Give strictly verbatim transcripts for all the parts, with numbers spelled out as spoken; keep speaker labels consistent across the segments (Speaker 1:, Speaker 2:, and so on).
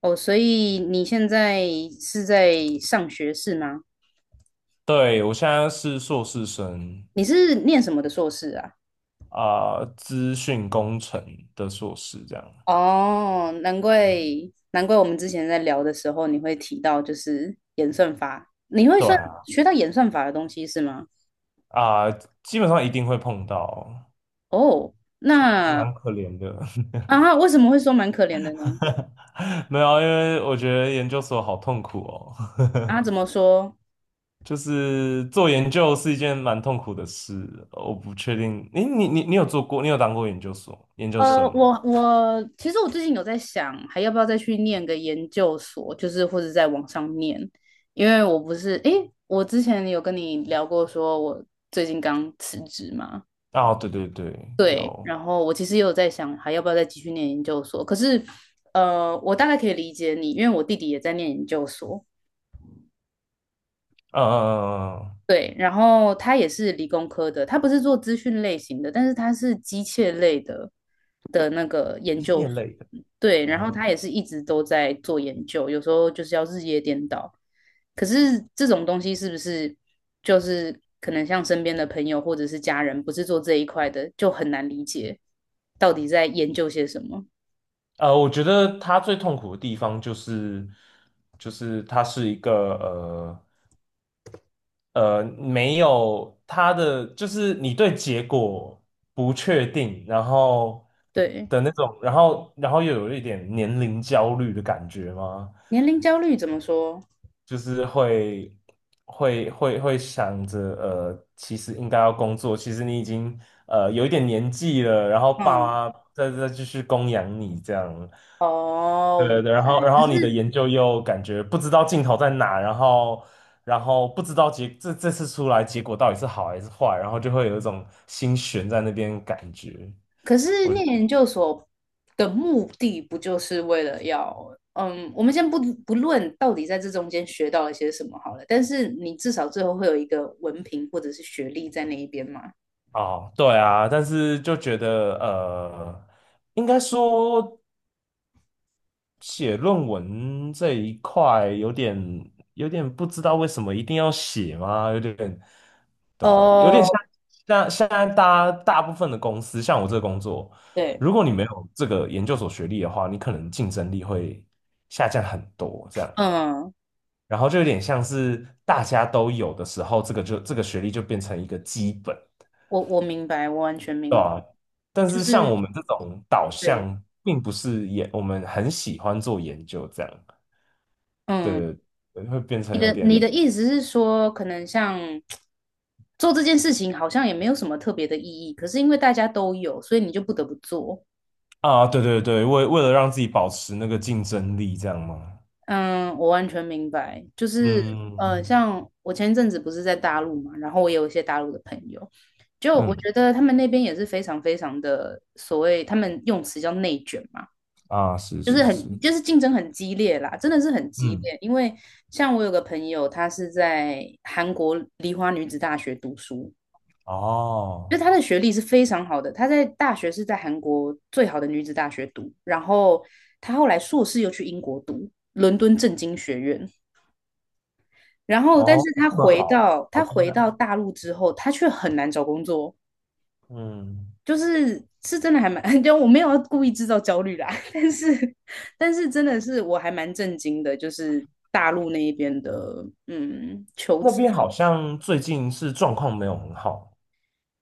Speaker 1: 哦，所以你现在是在上学是吗？
Speaker 2: 对，我现在是硕士生
Speaker 1: 你是念什么的硕士啊？
Speaker 2: 啊，资讯工程的硕士这样。
Speaker 1: 哦，难怪难怪我们之前在聊的时候你会提到就是演算法，你会
Speaker 2: 对
Speaker 1: 算
Speaker 2: 啊，
Speaker 1: 学到演算法的东西是吗？
Speaker 2: 啊、基本上一定会碰到，
Speaker 1: 哦，
Speaker 2: 就
Speaker 1: 那
Speaker 2: 蛮可怜的。
Speaker 1: 啊，为什么会说蛮可怜的呢？
Speaker 2: 没有啊因为我觉得研究所好痛苦哦，
Speaker 1: 啊，怎么说？
Speaker 2: 就是做研究是一件蛮痛苦的事。我不确定，诶，你你你有做过，你有当过研究所研究
Speaker 1: 呃，
Speaker 2: 生吗？
Speaker 1: 我我其实我最近有在想，还要不要再去念个研究所，就是或者在网上念，因为我不是，诶，我之前有跟你聊过，说我最近刚辞职嘛，
Speaker 2: 啊，对对对，
Speaker 1: 对，
Speaker 2: 有，
Speaker 1: 然后我其实也有在想，还要不要再继续念研究所，可是，呃，我大概可以理解你，因为我弟弟也在念研究所，
Speaker 2: 嗯嗯嗯嗯，嗯
Speaker 1: 对，然后他也是理工科的，他不是做资讯类型的，但是他是机械类的的那个研
Speaker 2: 机
Speaker 1: 究
Speaker 2: 械
Speaker 1: 所。
Speaker 2: 类的。
Speaker 1: 对，然后他也是一直都在做研究，有时候就是要日夜颠倒。可是这种东西是不是就是可能像身边的朋友或者是家人不是做这一块的，就很难理解到底在研究些什么？
Speaker 2: 呃，我觉得他最痛苦的地方就是，就是他是一个呃呃没有他的，就是你对结果不确定，然后
Speaker 1: 对，
Speaker 2: 的那种，然后然后又有一点年龄焦虑的感觉吗？
Speaker 1: 年龄焦虑怎么说？
Speaker 2: 就是会会会会想着，呃，其实应该要工作，其实你已经呃有一点年纪了，然后爸
Speaker 1: 嗯，
Speaker 2: 妈在再继续供养你这样，
Speaker 1: 哦，我明
Speaker 2: 对对，然
Speaker 1: 白。
Speaker 2: 后然
Speaker 1: 可
Speaker 2: 后你的
Speaker 1: 是。
Speaker 2: 研究又感觉不知道尽头在哪，然后然后不知道结这这次出来结果到底是好还是坏，然后就会有一种心悬在那边感觉。
Speaker 1: 可是念研究所的目的不就是为了要，嗯，我们先不不论到底在这中间学到了些什么好了，但是你至少最后会有一个文凭或者是学历在那一边嘛？
Speaker 2: 哦，对啊，但是就觉得呃，应该说。写论文这一块有点有点不知道为什么一定要写吗？有点对啊，有点
Speaker 1: 哦，
Speaker 2: 像像现在大家大部分的公司，像我这个工作，
Speaker 1: 对，
Speaker 2: 如果你没有这个研究所学历的话，你可能竞争力会下降很多这样。
Speaker 1: 嗯，
Speaker 2: 然后就有点像是大家都有的时候，这个就这个学历就变成一个基本，
Speaker 1: 我我明白，我完全
Speaker 2: 对
Speaker 1: 明白，
Speaker 2: 吧？但
Speaker 1: 就
Speaker 2: 是像
Speaker 1: 是
Speaker 2: 我们这种导
Speaker 1: 对，
Speaker 2: 向，并不是研，我们很喜欢做研究这样。对
Speaker 1: 嗯，
Speaker 2: 对对会变成
Speaker 1: 你
Speaker 2: 有
Speaker 1: 的你
Speaker 2: 点
Speaker 1: 的意思是说，可能像做这件事情好像也没有什么特别的意义，可是因为大家都有，所以你就不得不做。
Speaker 2: 啊，对对对，为为了让自己保持那个竞争力，这样吗？
Speaker 1: 嗯，我完全明白，就是呃，
Speaker 2: 嗯
Speaker 1: 像我前一阵子不是在大陆嘛，然后我也有一些大陆的朋友，就我
Speaker 2: 嗯
Speaker 1: 觉得他们那边也是非常非常的所谓他们用词叫内卷嘛，
Speaker 2: 啊，是
Speaker 1: 就是
Speaker 2: 是
Speaker 1: 很
Speaker 2: 是，
Speaker 1: 就是竞争很激烈啦，真的是很激
Speaker 2: 嗯
Speaker 1: 烈。因为像我有个朋友，他是在韩国梨花女子大学读书，
Speaker 2: 哦
Speaker 1: 就他的学历是非常好的，他在大学是在韩国最好的女子大学读，然后他后来硕士又去英国读伦敦政经学院。然后，但是
Speaker 2: 哦，这
Speaker 1: 他
Speaker 2: 么
Speaker 1: 回
Speaker 2: 好，
Speaker 1: 到
Speaker 2: 好
Speaker 1: 他
Speaker 2: 厉
Speaker 1: 回
Speaker 2: 害，
Speaker 1: 到大陆之后，他却很难找工作，
Speaker 2: 嗯，
Speaker 1: 就是是真的还蛮，就我没有要故意制造焦虑啦，但是但是真的是我还蛮震惊的，就是大陆那一边的嗯求
Speaker 2: 那
Speaker 1: 职。
Speaker 2: 边好像最近是状况没有很好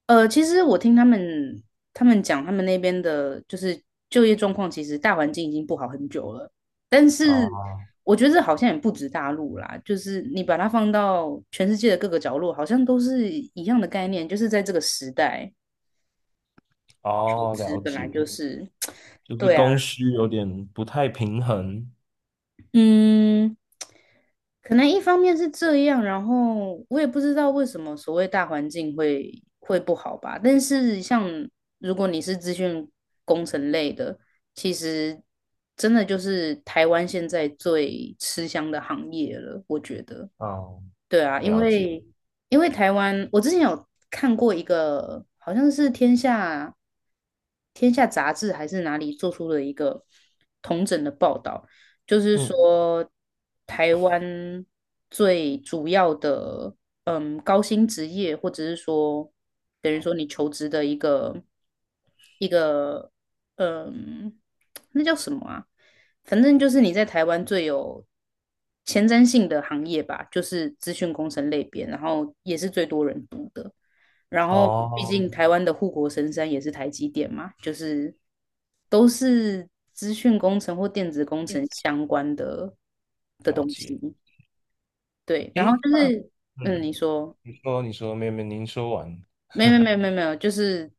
Speaker 1: 呃，其实我听他们他们讲，他们那边的就是就业状况，其实大环境已经不好很久了。但是
Speaker 2: 啊，
Speaker 1: 我觉得这好像也不止大陆啦，就是你把它放到全世界的各个角落，好像都是一样的概念，就是在这个时代，求
Speaker 2: 哦，
Speaker 1: 职
Speaker 2: 了
Speaker 1: 本来
Speaker 2: 解，
Speaker 1: 就是，
Speaker 2: 就是
Speaker 1: 对啊，
Speaker 2: 供需有点不太平衡，
Speaker 1: 嗯，可能一方面是这样，然后我也不知道为什么所谓大环境会会不好吧。但是像如果你是资讯工程类的，其实真的就是台湾现在最吃香的行业了，我觉得。
Speaker 2: 哦，
Speaker 1: 对啊，因
Speaker 2: 了解了，
Speaker 1: 为因为台湾，我之前有看过一个，好像是天下天下杂志还是哪里做出的一个统整的报道，就是
Speaker 2: 嗯，
Speaker 1: 说台湾最主要的嗯高薪职业，或者是说等于说你求职的一个一个嗯那叫什么啊？反正就是你在台湾最有前瞻性的行业吧，就是资讯工程类别，然后也是最多人读的。然后，毕
Speaker 2: 哦，
Speaker 1: 竟台湾的护国神山也是台积电嘛，就是都是资讯工程或电子工程相关的的
Speaker 2: 了
Speaker 1: 东西。
Speaker 2: 解，
Speaker 1: 对，然后
Speaker 2: 诶，
Speaker 1: 就是，嗯，
Speaker 2: 嗯，
Speaker 1: 你说，
Speaker 2: 你说你说，没有没有，您说完。
Speaker 1: 没有没有没有没有，就是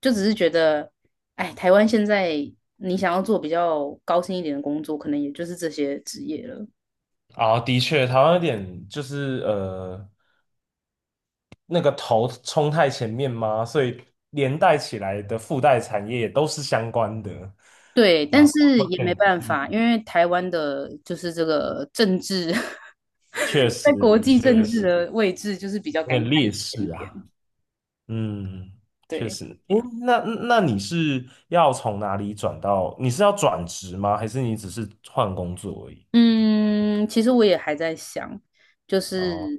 Speaker 1: 就只是觉得，哎，台湾现在你想要做比较高薪一点的工作，可能也就是这些职业了。
Speaker 2: 啊，的确，台湾有点就是呃，那个头冲太前面嘛，所以连带起来的附带产业也都是相关的，
Speaker 1: 对，
Speaker 2: 然
Speaker 1: 但
Speaker 2: 后
Speaker 1: 是
Speaker 2: 会
Speaker 1: 也
Speaker 2: 变
Speaker 1: 没办法，因
Speaker 2: 嗯，
Speaker 1: 为台湾的就是这个政治，
Speaker 2: 确
Speaker 1: 在
Speaker 2: 实
Speaker 1: 国际政
Speaker 2: 确
Speaker 1: 治
Speaker 2: 实
Speaker 1: 的位置就是比较
Speaker 2: 有
Speaker 1: 尴尬
Speaker 2: 点劣
Speaker 1: 一点
Speaker 2: 势啊，
Speaker 1: 点。
Speaker 2: 嗯，确
Speaker 1: 对，
Speaker 2: 实。诶，那那你是要从哪里转到？你是要转职吗？还是你只是换工作而已？
Speaker 1: 嗯，其实我也还在想，就是
Speaker 2: 哦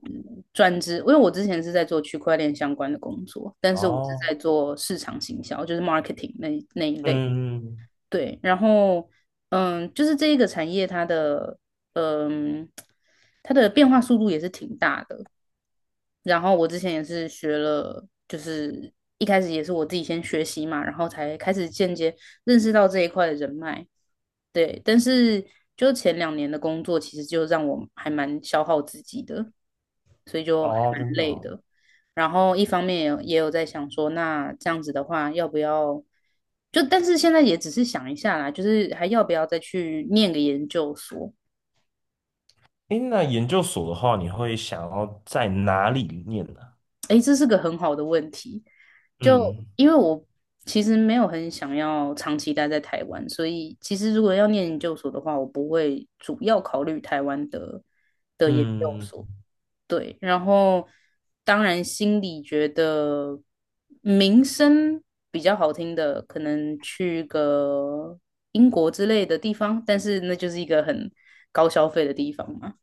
Speaker 1: 转职，因为我之前是在做区块链相关的工作，但是我是在
Speaker 2: 哦，
Speaker 1: 做市场行销，就是 marketing 那一那一类。
Speaker 2: 嗯嗯，
Speaker 1: 对，然后嗯，就是这一个产业它的嗯它的变化速度也是挺大的，然后我之前也是学了，就是一开始也是我自己先学习嘛，然后才开始间接认识到这一块的人脉。对，但是就前两年的工作，其实就让我还蛮消耗自己的，所以就还
Speaker 2: 哦，
Speaker 1: 蛮
Speaker 2: 真的
Speaker 1: 累
Speaker 2: 哦
Speaker 1: 的。然后一方面也有也有在想说，那这样子的话，要不要就？但是现在也只是想一下啦，就是还要不要再去念个研究所？
Speaker 2: 哎，那研究所的话，你会想要在哪里念呢？
Speaker 1: 诶，这是个很好的问题。就
Speaker 2: 嗯
Speaker 1: 因为我其实没有很想要长期待在台湾，所以其实如果要念研究所的话，我不会主要考虑台湾的的研究
Speaker 2: 嗯，
Speaker 1: 所。对，然后当然心里觉得名声比较好听的，可能去个英国之类的地方，但是那就是一个很高消费的地方嘛。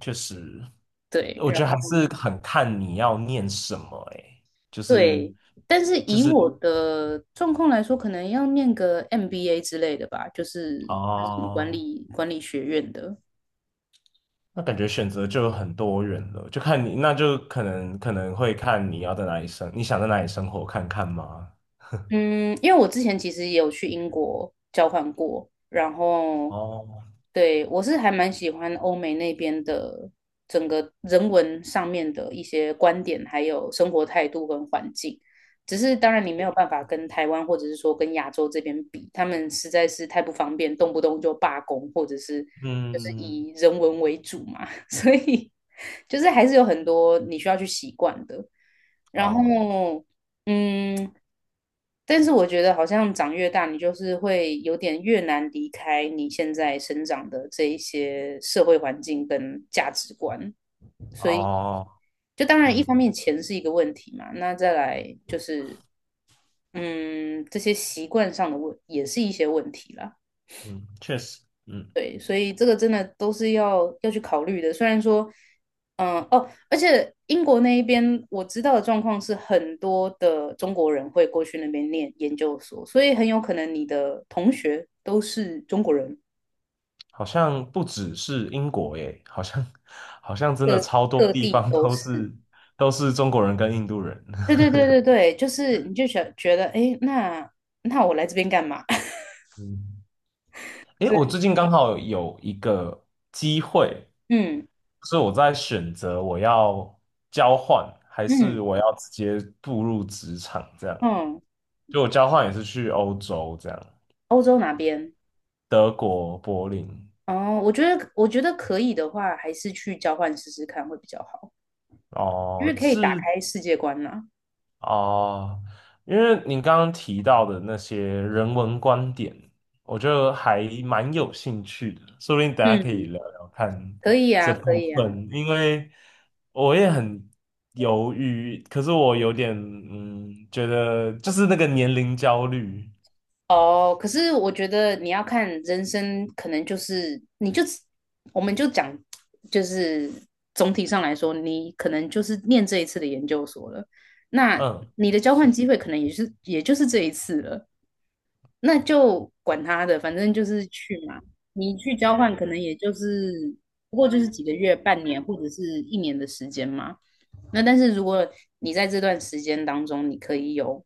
Speaker 2: 确实，
Speaker 1: 对，
Speaker 2: 我觉得还是很看你要念什么、欸哎，就是
Speaker 1: 对，但是
Speaker 2: 就
Speaker 1: 以
Speaker 2: 是
Speaker 1: 我的状况来说，可能要念个 M B A 之类的吧，就是管
Speaker 2: 哦，
Speaker 1: 理管理学院的。
Speaker 2: 那感觉选择就有很多人了，就看你，那就可能可能会看你要在哪里生，你想在哪里生活看看吗？
Speaker 1: 嗯，因为我之前其实也有去英国交换过，然后
Speaker 2: 哦，
Speaker 1: 对我是还蛮喜欢欧美那边的整个人文上面的一些观点，还有生活态度跟环境。只是当然你没有
Speaker 2: 诶
Speaker 1: 办法跟台湾或者是说跟亚洲这边比，他们实在是太不方便，动不动就罢工，或者是就是
Speaker 2: 嗯，
Speaker 1: 以人文为主嘛，所以就是还是有很多你需要去习惯的。然
Speaker 2: 哦
Speaker 1: 后，嗯，但是我觉得好像长越大，你就是会有点越难离开你现在生长的这一些社会环境跟价值观，所以
Speaker 2: 哦，
Speaker 1: 就当然一方
Speaker 2: 嗯
Speaker 1: 面钱是一个问题嘛，那再来就是嗯这些习惯上的问也是一些问题啦。
Speaker 2: 嗯，确实，嗯。
Speaker 1: 对，所以这个真的都是要要去考虑的。虽然说，嗯、哦，而且英国那一边我知道的状况是，很多的中国人会过去那边念研究所，所以很有可能你的同学都是中国人，
Speaker 2: 好像不只是英国耶，好像好像真的
Speaker 1: 各
Speaker 2: 超多
Speaker 1: 各
Speaker 2: 地
Speaker 1: 地
Speaker 2: 方
Speaker 1: 都
Speaker 2: 都
Speaker 1: 是。
Speaker 2: 是都是中国人跟印度人。
Speaker 1: 对 对对对对，就是你就想觉得，哎，那那我来这边干嘛？
Speaker 2: 嗯，诶，
Speaker 1: 所以，
Speaker 2: 我最近刚好有一个机会，
Speaker 1: 嗯
Speaker 2: 所以我在选择我要交换还
Speaker 1: 嗯
Speaker 2: 是我要直接步入职场这样。
Speaker 1: 嗯，
Speaker 2: 就我交换也是去欧洲这样，
Speaker 1: 欧洲哪边？
Speaker 2: 德国柏林
Speaker 1: 哦，我觉得我觉得可以的话，还是去交换试试看会比较好。就是
Speaker 2: 哦，
Speaker 1: 可以打
Speaker 2: 是
Speaker 1: 开世界观呐、
Speaker 2: 哦，因为你刚刚提到的那些人文观点，我觉得还蛮有兴趣的，说不定等下可以
Speaker 1: 嗯，
Speaker 2: 聊聊看
Speaker 1: 可以
Speaker 2: 这
Speaker 1: 啊，可
Speaker 2: 部
Speaker 1: 以啊。
Speaker 2: 分，因为我也很犹豫，可是我有点嗯，觉得就是那个年龄焦虑，
Speaker 1: 哦，可是我觉得你要看人生，可能就是你就我们就讲，就是总体上来说，你可能就是念这一次的研究所了。那
Speaker 2: 嗯，
Speaker 1: 你的交换
Speaker 2: 是，
Speaker 1: 机会可能也是也就是这一次了。那就管他的，反正就是去嘛。你去交换，可能也就是不过就是几个月、半年或者是一年的时间嘛。那但是如果你在这段时间当中，你可以有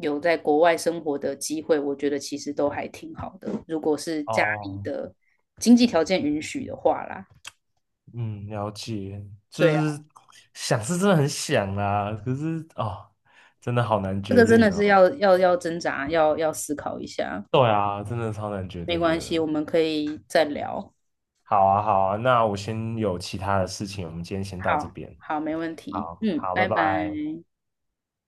Speaker 1: 有在国外生活的机会，我觉得其实都还挺好的。如果是家里
Speaker 2: 哦，
Speaker 1: 的经济条件允许的话啦，
Speaker 2: 嗯，了解，就
Speaker 1: 对啊，
Speaker 2: 是想是真的很想啦，可是哦，真的好难
Speaker 1: 这
Speaker 2: 决
Speaker 1: 个真
Speaker 2: 定
Speaker 1: 的
Speaker 2: 哦，
Speaker 1: 是要要要挣扎，要要思考一下。
Speaker 2: 对啊，真的超难决
Speaker 1: 没
Speaker 2: 定
Speaker 1: 关系，
Speaker 2: 的。
Speaker 1: 我们可以再聊。
Speaker 2: 好啊，好啊，那我先有其他的事情，我们今天先到这
Speaker 1: 好，
Speaker 2: 边。
Speaker 1: 好，没问题。
Speaker 2: 好，
Speaker 1: 嗯，
Speaker 2: 好，拜
Speaker 1: 拜拜。
Speaker 2: 拜。